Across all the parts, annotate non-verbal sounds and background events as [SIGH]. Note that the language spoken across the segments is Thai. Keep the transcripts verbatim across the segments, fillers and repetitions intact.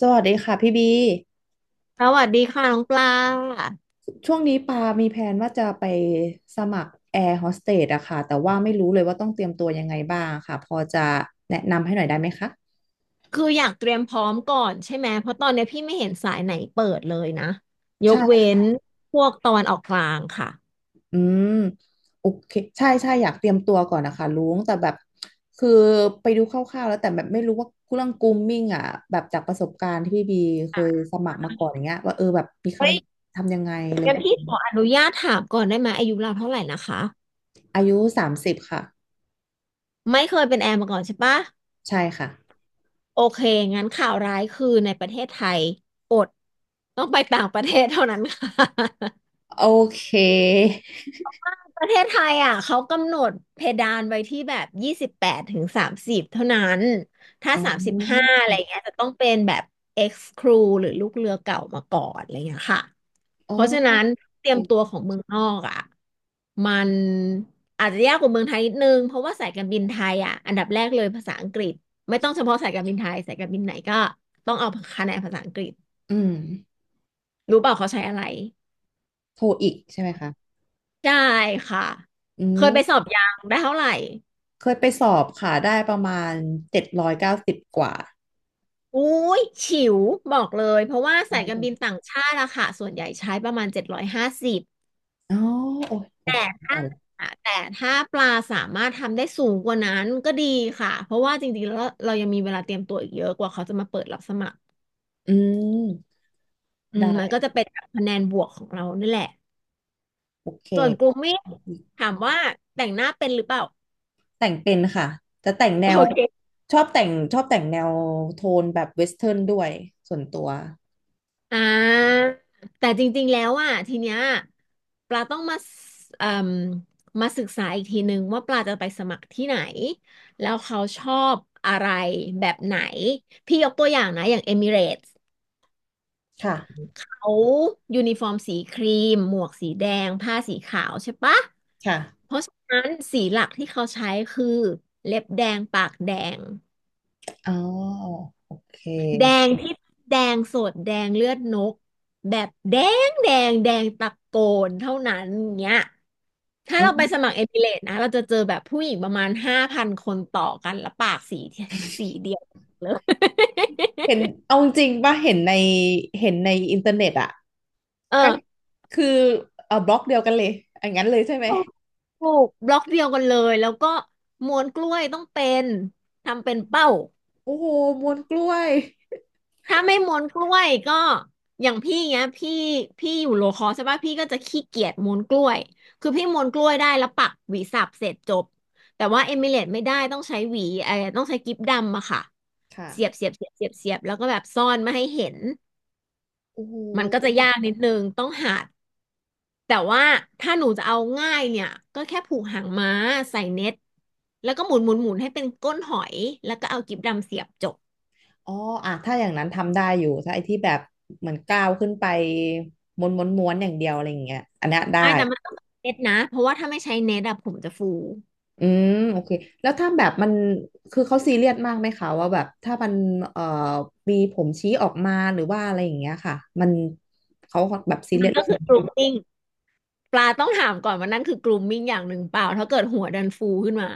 สวัสดีค่ะพี่บีสวัสดีค่ะน้องปลา ช่วงนี้ปา มีแผนว่าจะไปสมัครแอร์โฮสเตสอะค่ะแต่ว่าไม่รู้เลยว่าต้องเตรียมตัวยังไงบ้างค่ะพอจะแนะนำให้หน่อยได้ไหมคะคืออยากเตรียมพร้อมก่อนใช่ไหม เพราะตอนเนี้ยพี่ไม่เห็นสายไหนเปิดเลยนะ ยใช่กเว้นค่ะพวกตะวันออกกลางค่ะอืมโอเคใช่ใช่อยากเตรียมตัวก่อนนะคะลุงแต่แบบคือไปดูคร่าวๆแล้วแต่แบบไม่รู้ว่าเรื่องกรูมมิ่งอะแบบจากประสบการณ์ที่พี่บีเคยสมัครมาก่อนอย่างเงี้ยว่าเออแบบมีคเฮ้ยำทำยังไงอะไรพวกขนี้ออนุญาตถามก่อนได้ไหมอายุเราเท่าไหร่นะคะ อายุสามสิบค่ะไม่เคยเป็นแอร์มาก่อนใช่ปะใช่ค่ะโอเคงั้นข่าวร้ายคือในประเทศไทยอดต้องไปต่างประเทศเท่านั้นค่ะ โอเคประเทศไทยอ่ะเขากำหนดเพดานไว้ที่แบบยี่สิบแปดถึงสามสิบเท่านั้นถ้าอ๋สามสิบห้าอะอ ไรเงี้ยจะต้องเป็นแบบ ex crew หรือลูกเรือเก่ามาก่อนอะไรเงี้ยค่ะอ๋อเพราะฉะโอนั้นเตเค รียมตัวของเมืองนอกอ่ะมันอาจจะยากกว่าเมืองไทยนิดนึงเพราะว่าสายการบินไทยอ่ะอันดับแรกเลยภาษาอังกฤษไม่ต้องเฉพาะสายการบินไทยสายการบินไหนก็ต้องเอาคะแนนภาษาอังกฤษอืม รู้เปล่าเขาใช้อะไรโทรอีกใช่ไหมคะใช่ค่ะอืเคยไปสอม บยังได้เท่าไหร่ เคยไปสอบค่ะได้ประมาณเจ็ดร้อยเก้าสิบกว่าอุ้ยฉิวบอกเลยเพราะว่าอ๋สายการบินอต่างชาติอะค่ะส่วนใหญ่ใช้ประมาณเจ็ดร้อยห้าสิบอ๋อโอยโอแต่เคได้ถ้าละแต่ถ้าปลาสามารถทำได้สูงกว่านั้นก็ดีค่ะเพราะว่าจริงๆแล้วเรายังมีเวลาเตรียมตัวอีกเยอะกว่าเขาจะมาเปิดรับสมัครอืม อืมได้ มันก็จะเป็นคะแนนบวกของเรานั่นแหละโอเค ส่วนกลุ่มมิตรถามว่าแต่งหน้าเป็นหรือเปล่าแต่งเป็นค่ะ จะแต่งแนโอวเค ชอบแต่งชอบแต่งแนวโทนแบบเวสเทิร์นด้วยส่วนตัว อ่าแต่จริงๆแล้วอ่ะทีเนี้ยปลาต้องมาสเอ่มมาศึกษาอีกทีนึงว่าปลาจะไปสมัครที่ไหนแล้วเขาชอบอะไรแบบไหนพี่ยกตัวอย่างนะอย่างเอมิเรตส์ค่ะ เขายูนิฟอร์มสีครีมหมวกสีแดงผ้าสีขาวใช่ปะค่ะ เพราะฉะนั้นสีหลักที่เขาใช้คือเล็บแดงปากแดง อ๋อโอเคแดงที่แดงสดแดงเลือดนกแบบแดงแดงแดงตะโกนเท่านั้นเนี้ยถ้าอืเราไปสมัครมเอมิเรตนะเราจะเจอแบบผู้หญิงประมาณห้าพันคนต่อกันแล้วปากสีสีเดียวเลย เห็นเอาจริงป่ะเห็นในเห็นในอินเทอร์เน็ตอะ [LAUGHS] เอก็อคือเออบล็อกเดียวกันเลยอย่างนั้นเลยใช่ไหมถูกถูกบล็อกเดียวกันเลยแล้วก็ม้วนกล้วยต้องเป็นทำเป็นเป้า โอ้โหมวนกล้วยถ้าไม่ม้วนกล้วยก็อย่างพี่เงี้ยพี่พี่อยู่โลคอใช่ป่ะพี่ก็จะขี้เกียจม้วนกล้วยคือพี่ม้วนกล้วยได้แล้วปักหวีสับเสร็จจบแต่ว่าเอมิเลตไม่ได้ต้องใช้หวีเออต้องใช้กิ๊บดำอะค่ะค่ะเสียบเสียบเสียบเสียบเสียบแล้วก็แบบซ่อนไม่ให้เห็นโอ้โหมันก็จะยากนิดนึงต้องหัดแต่ว่าถ้าหนูจะเอาง่ายเนี่ยก็แค่ผูกหางม้าใส่เน็ตแล้วก็หมุนหมุนหมุนให้เป็นก้นหอยแล้วก็เอากิ๊บดำเสียบจบอ๋ออ่ะถ้าอย่างนั้นทำได้อยู่ถ้าไอ้ที่แบบเหมือนก้าวขึ้นไปม้วนม้วนม้วนอย่างเดียวอะไรอย่างเงี้ยอันเนี้ยได้ไอ่แต่มันต้องเน็ตนะเพราะว่าถ้าไม่ใช้เน็ตอะผมจะฟู อืมโอเคแล้วถ้าแบบมันคือเขาซีเรียสมากไหมคะว่าแบบถ้ามันเอ่อมีผมชี้ออกมาหรือว่าอะไรอย่างเงี้ยค่ะมันเขาแบบซีเรีมัยนสก็เรื่องคือก นี้ r o มมิ n งปลาต้องถามก่อนว่านั่นคือก r o มมิ n งอย่างหนึ่งเปล่าถ้าเกิดหัวดันฟูขึ้นมา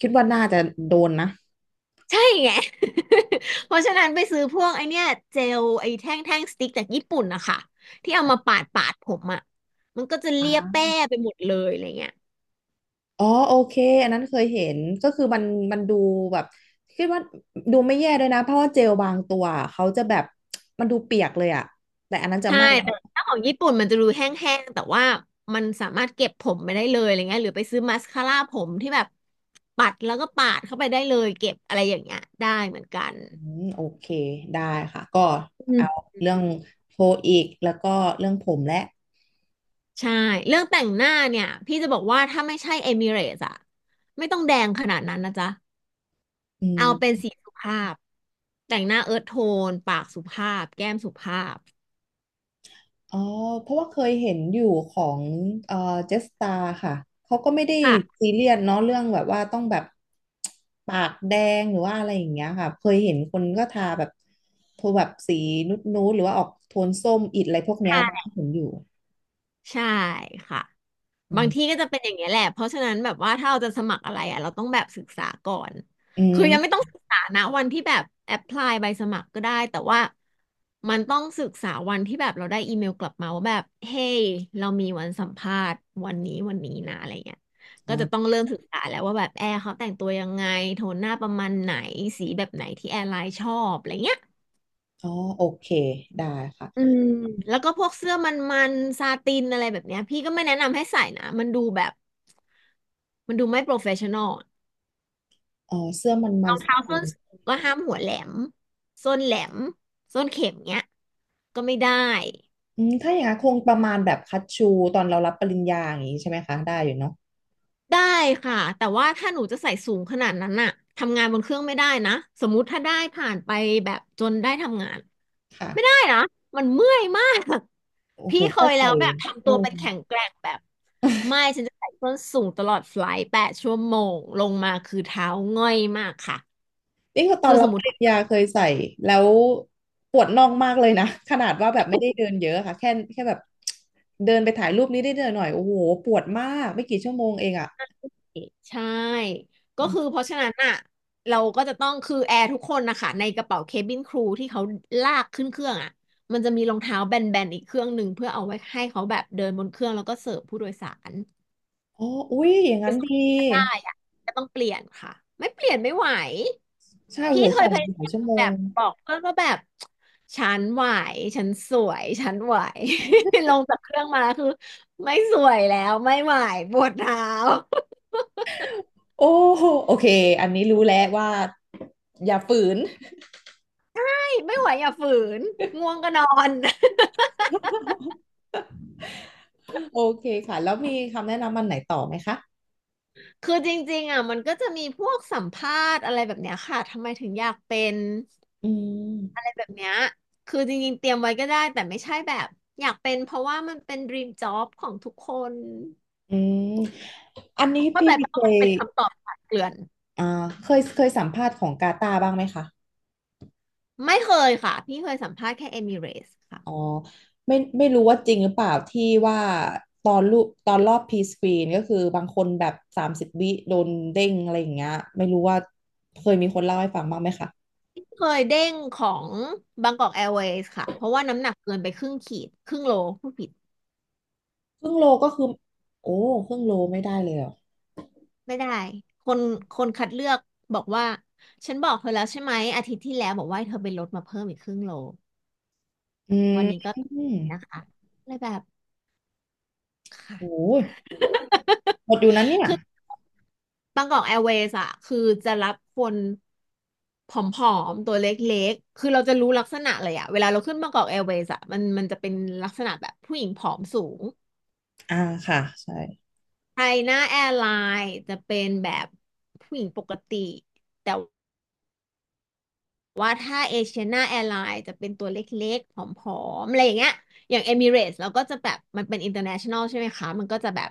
คิดว่าน่าจะโดนนะใช่ไง [LAUGHS] เพราะฉะนั้นไปซื้อพวกไอเนี้ยเจลไอแท่งแท่งสติ๊กจากญี่ปุ่นนะคะที่เอามาปาดปาดผมอ่ะมันก็จะเลียแป้อ่า ไปหมดเลยอะไรเงี้ยอ๋อโอเคอันนั้นเคยเห็นก็คือมันมันดูแบบคิดว่าดูไม่แย่ด้วยนะเพราะว่าเจลบางตัวเขาจะแบบมันดูเปียกเลยอะแต่อันนั้นจะใช่ไม่นะแต่ถ้าของญี่ปุ่นมันจะดูแห้งๆแต่ว่ามันสามารถเก็บผมไปได้เลยอะไรเงี้ยหรือไปซื้อมาสคาร่าผมที่แบบปัดแล้วก็ปาดเข้าไปได้เลยเก็บอะไรอย่างเงี้ยได้เหมือนกันอืมโอเคได้ค่ะก็อืเอาม เรื่องโพลอีกแล้วก็เรื่องผมและใช่เรื่องแต่งหน้าเนี่ยพี่จะบอกว่าถ้าไม่ใช่เอมิเรตอะไม่ต้องแดงขนาดนั้นนะจ๊ะอืเอาเป็นม สีสุภาพแต่งหน้าเอิร์ธโทนปากสุภาพแก้มสุภาพอ๋อเพราะว่าเคยเห็นอยู่ของเอ่อเจสตาค่ะ เขาก็ไม่ได้ค่ะซีเรียสเนาะเรื่องแบบว่าต้องแบบปากแดงหรือว่าอะไรอย่างเงี้ยค่ะเคยเห็นคนก็ทาแบบโทนแบบสีนุดนูดหรือว่าออกโทนส้มอิดอะไรพวกเนี้ยเราใช่ก็เห็นอยู่ใช่ค่ะ อืบางที่มก็จะเป็นอย่างเงี้ยแหละเพราะฉะนั้นแบบว่าถ้าเราจะสมัครอะไรอ่ะเราต้องแบบศึกษาก่อนอืคือยังไม่ต้อมงศึกษานะวันที่แบบแอพพลายใบสมัครก็ได้แต่ว่ามันต้องศึกษาวันที่แบบเราได้อีเมลกลับมาว่าแบบเฮ้ยเรามีวันสัมภาษณ์วันนี้วันนี้นะอะไรเงี้ยก็จะต้ออ่ะงเริ่มศึกษาแล้วว่าแบบแอร์เขาแต่งตัวยังไงโทนหน้าประมาณไหนสีแบบไหนที่แอร์ไลน์ชอบอะไรเงี้ย อ๋อโอเคได้ค่ะอืมแล้วก็พวกเสื้อมันๆซาตินอะไรแบบเนี้ยพี่ก็ไม่แนะนำให้ใส่นะมันดูแบบมันดูไม่โปรเฟชชั่นอลอ๋อเสื้อมันเมันสท้ากส้นเลยสูงก็ห้ามหัวแหลมส้นแหลมส้นเข็มเนี้ยก็ไม่ได้อืมถ้าอย่างนั้นคงประมาณแบบคัตชูตอนเรารับปริญญาอย่างนี้ใช่ไหมคะได้อยู่เนาะได้ค่ะแต่ว่าถ้าหนูจะใส่สูงขนาดนั้นน่ะทำงานบนเครื่องไม่ได้นะสมมุติถ้าได้ผ่านไปแบบจนได้ทำงานค่ะไม่ได้นะมันเมื่อยมาก โอ้โหพี่เคก็ยแล้ใส่วแบบทำอืตัวเป็ม นแข็งแกร่งแบบไม่ฉันจะใส่ส้นสูงตลอดไฟลท์แปดชั่วโมงลงมาคือเท้าง่อยมากค่ะนี่คือตอคืนอสรับมมปติริญญาเคยใส่แล้วปวดน่องมากเลยนะ [LAUGHS] ขนาดว่าแบบไม่ได้เดินเยอะค่ะแค่แค่แบบเดินไปถ่ายรูปนี้ได้เดินหน่อยโอ้โหปวดมากไม่กี่ชั่วโมงเองอ่ะใช่ก็อมคือเพราะฉะนั้นอ่ะเราก็จะต้องคือแอร์ทุกคนนะคะในกระเป๋าเคบินครูที่เขาลากขึ้นเครื่องอ่ะมันจะมีรองเท้าแบนๆอีกเครื่องหนึ่งเพื่อเอาไว้ให้เขาแบบเดินบนเครื่องแล้วก็เสิร์ฟผู้โดยสาร อ๋ออุ้ยอย่างคืนั้อนสมมดีติว่าได้อะจะต้องเปลี่ยนค่ะไม่เปลี่ยนไม่ไหวใช่โอ้พี่โหเคใส่ยพยาหลายยาชั่มวโมแบบงบอกเพื่อนว่าแบบฉันไหวฉันสวยฉันไหว [LAUGHS] ลงจากเครื่องมาคือไม่สวยแล้วไม่ไหวปวดเท้าโอ้โหโอเคอันนี้รู้แล้วว่าอย่าฝืน ไม่ไม่ไหวอย่าฝืนง่วงก็นอน [LAUGHS] โอเคค่ะแล้วมีคำแนะนำมันไหนต่อไหมคะ [LAUGHS] คือจริงๆอ่ะมันก็จะมีพวกสัมภาษณ์อะไรแบบเนี้ยค่ะทำไมถึงอยากเป็นอือะไรมแบบเนี้ยคือจริงๆเตรียมไว้ก็ได้แต่ไม่ใช่แบบอยากเป็นเพราะว่ามันเป็น ดรีมจ็อบ ของทุกคน อืมอันนี้เข้าพี่ใจปะเคว่ามันยเป็นคำตอบคลดเคลื่อนอ่าเคยเคยสัมภาษณ์ของกาตาร์บ้างไหมคะ ไม่เคยค่ะพี่เคยสัมภาษณ์แค่เอมิเรสค่ะอ๋อไม่ไม่รู้ว่าจริงหรือเปล่าที่ว่าตอนรูปตอนรอบพีสกรีนก็คือบางคนแบบสามสิบวิโดนเด้งอะไรอย่างเงี้ยไม่รู้ว่าเคยมีคนเล่าให้ฟังบ้างไหมคะพี่เคยเด้งของบางกอกแอร์เวย์ค่ะเพราะว่าน้ำหนักเกินไปครึ่งขีดครึ่งโลพูดผิดครึ่งโลก็คือโอ้ครึ่งโลไม่ได้เลยเหรอไม่ได้คนคนคัดเลือกบอกว่าฉันบอกเธอแล้วใช่ไหมอาทิตย์ที่แล้วบอกว่าให้เธอไปลดมาเพิ่มอีกครึ่งโลอืวันนี้ก็มนะคะเลยแบบค่ะ โอ้ย [LAUGHS] หมดอยู่นั้นเนี่ยคือบางกอกแอร์เวย์อะคือจะรับคนผอมๆตัวเล็กๆคือเราจะรู้ลักษณะเลยอะเวลาเราขึ้นบางกอกแอร์เวย์อะมันมันจะเป็นลักษณะแบบผู้หญิงผอมสูงอ่าค่ะใช่ไทยหน้าแอร์ไลน์จะเป็นแบบผู้หญิงปกติแต่ ว่าถ้าเอเชียนาแอร์ไลน์จะเป็นตัวเล็กๆผอมๆ อะไรอย่างเงี้ยอย่างเอมิเรตส์เราก็จะแบบมันเป็นอินเตอร์เนชั่นแนลใช่ไหมคะ มันก็จะแบบ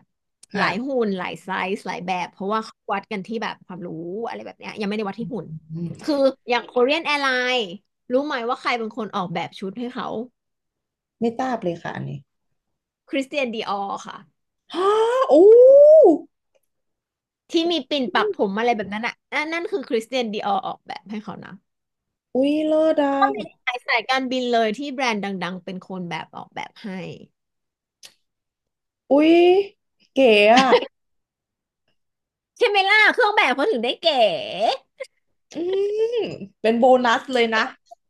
หลายค่ะหุ่นหลายไซส์หลายแบบ เพราะว่าเขาวัดกันที่แบบความรู้อะไรแบบเนี้ยยังไม่ได้วัดที่หุ่นอืคืมออย่างโคเรียนแอร์ไลน์รู้ไหมว่าใครเป็นคนออกแบบชุดให้เขาไม่ทราบเลยค่ะอันนี้คริสเตียนดีออร์ค่ะฮ่าโอ้ที่มีปิ่นปักผมอะไรแบบนั้นอ่ะนั่นนั่นคือคริสเตียนดีออร์ออกแบบให้เขานะอุ้ยเลิศอ่ะก็มีสายสายการบินเลยที่แบรนด์ดังๆเป็นคนแบบออกแบบให้ อุ้ยเก๋อ่ะ ใช่ไหมล่ะเครื่องแบบเขาถึงได้เก๋อืมเป็นโบนัสเลยนะ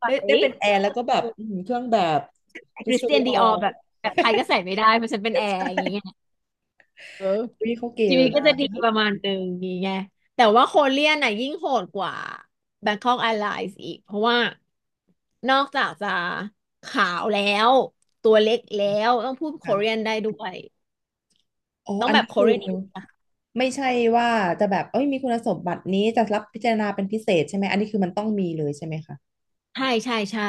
ใได้สได้เป็นแอ่ร์แล้วก็แบเอบอือมเครื่องแบบแต่ชุคดริสสตูเตียดินโอดีออร์แบบแบบใครก็ใส่ไม่ได้เพราะฉันเป็นแอใร์อย่างเงี้ช่ยเออวิเขาเกชีลวิตก็จะนะดีประมาณหนึ่งอย่างเงี้ยแต่ว่าโคเรียนน่ะยิ่งโหดกว่า แบงค็อกแอร์ไลน์ส อีกเพราะว่านอกจากจะขาวแล้วตัวเล็กแล้วต้องพูดโคเรียนค่ะได้ด้วยอ๋อต้องอันแบบนี้โคคือเรียน ไม่ใช่ว่าจะแบบเอ้ยมีคุณสมบัตินี้จะรับพิจารณาเป็นพิเศษใช่ไหมอันนี้คือมันต้องมีเลยใช่ไหมคะใช่ใช่ใช่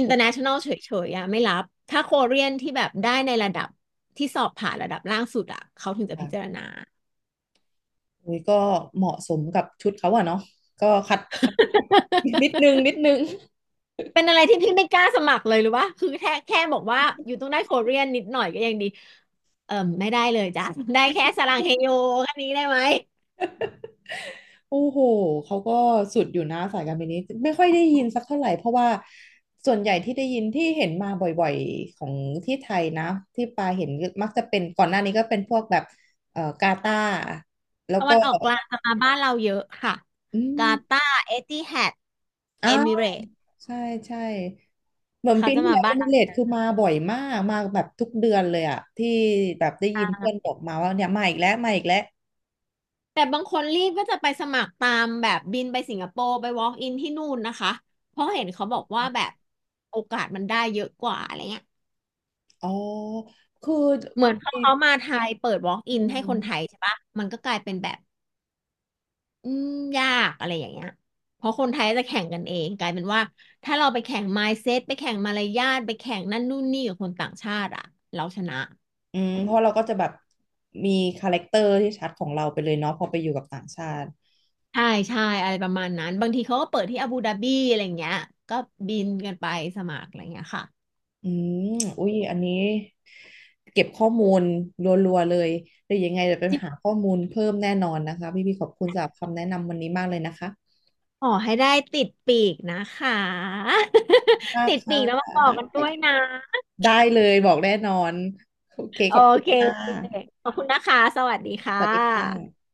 โอเค เฉยๆอะไม่รับ ถ้าโคเรียนที่แบบได้ในระดับที่สอบผ่านระดับล่างสุดอะเขาถึงจะค่ะพิจารณา อุ้ยก็เหมาะสมกับชุดเขาอะเนาะก็ขัดนิดนึง [LAUGHS] นิดนึง เป็นอะไรที่พี่ไม่กล้าสมัครเลยหรือว่าคือแค่แค่บอกว่าอยู่ต้องได้โคเรียนนิดหน่อยก็ยังดีเออไม่ได้เลยจ้ะได้แค่สรังเฮโยแค่นี้ได้ไหมโอ้โห เขาก็สุดอยู่นะสายการบินนี้ไม่ค่อยได้ยินสักเท่าไหร่เพราะว่าส่วนใหญ่ที่ได้ยินที่เห็นมาบ่อยๆของที่ไทยนะที่ปาเห็นมักจะเป็นก่อนหน้านี้ก็เป็นพวกแบบเอ่อกาตาร์แล้วตะก็วันออกกลางจะมาบ้านเราเยอะค่ะ อืกาตามร์เอติฮัดเออ้าวมิเรตส์ใช่ใช่เหมือนเขาปีจะที่มาแล้วเอบ้ามิน เรตคือมาบ่อยมากมาแบบทุกเดือนเลยอะที่แบบได้ยินเพื่อนบอกมาว่าเนี่ยมาอีกแล้วมาอีกแล้วแต่บางคนรีบก็จะไปสมัครตามแบบบินไปสิงคโปร์ไป walk in ที่นู่นนะคะเพราะเห็นเขาบอกว่าแบบโอกาสมันได้เยอะกว่าอะไรเงี้ยอ๋อคือเหมือนเขาเขามาไทยเปิด walk in อืให้คนไทยม ใช่ปะมันก็กลายเป็นแบบอืมยากอะไรอย่างเงี้ยเพราะคนไทยจะแข่งกันเองกลายเป็นว่าถ้าเราไปแข่ง มายด์เซ็ต ไปแข่งมารยาทไปแข่งนั่นนู่นนี่กับคนต่างชาติอะเราชนะอืมเพราะเราก็จะแบบมีคาแรคเตอร์ที่ชัดของเราไปเลยเนาะพอไปอยู่กับต่างชาติใช่ใช่อะไรประมาณนั้นบางทีเขาก็เปิดที่อาบูดาบีอะไรอย่างเงี้ยก็บินกันไปสมัครอะไรอย่างเงี้ยค่ะ อืมอุ้ยอันนี้เก็บข้อมูลรัวๆเลยเดี๋ยวยังไงเดี๋ยวไปหาข้อมูลเพิ่มแน่นอนนะคะพี่พี่ขอบคุณสำหรับคำแนะนำวันนี้มากเลยนะคะขอให้ได้ติดปีกนะคะ มา [LAUGHS] กติดปีค่ะกแล้วมาบอไดกกันด้วย้นะได้เลยบอกแน่นอนโอเคโอขอบคุณเคค่ะขอบคุณนะคะสวัสดีสค่ะวัสดีค่ะ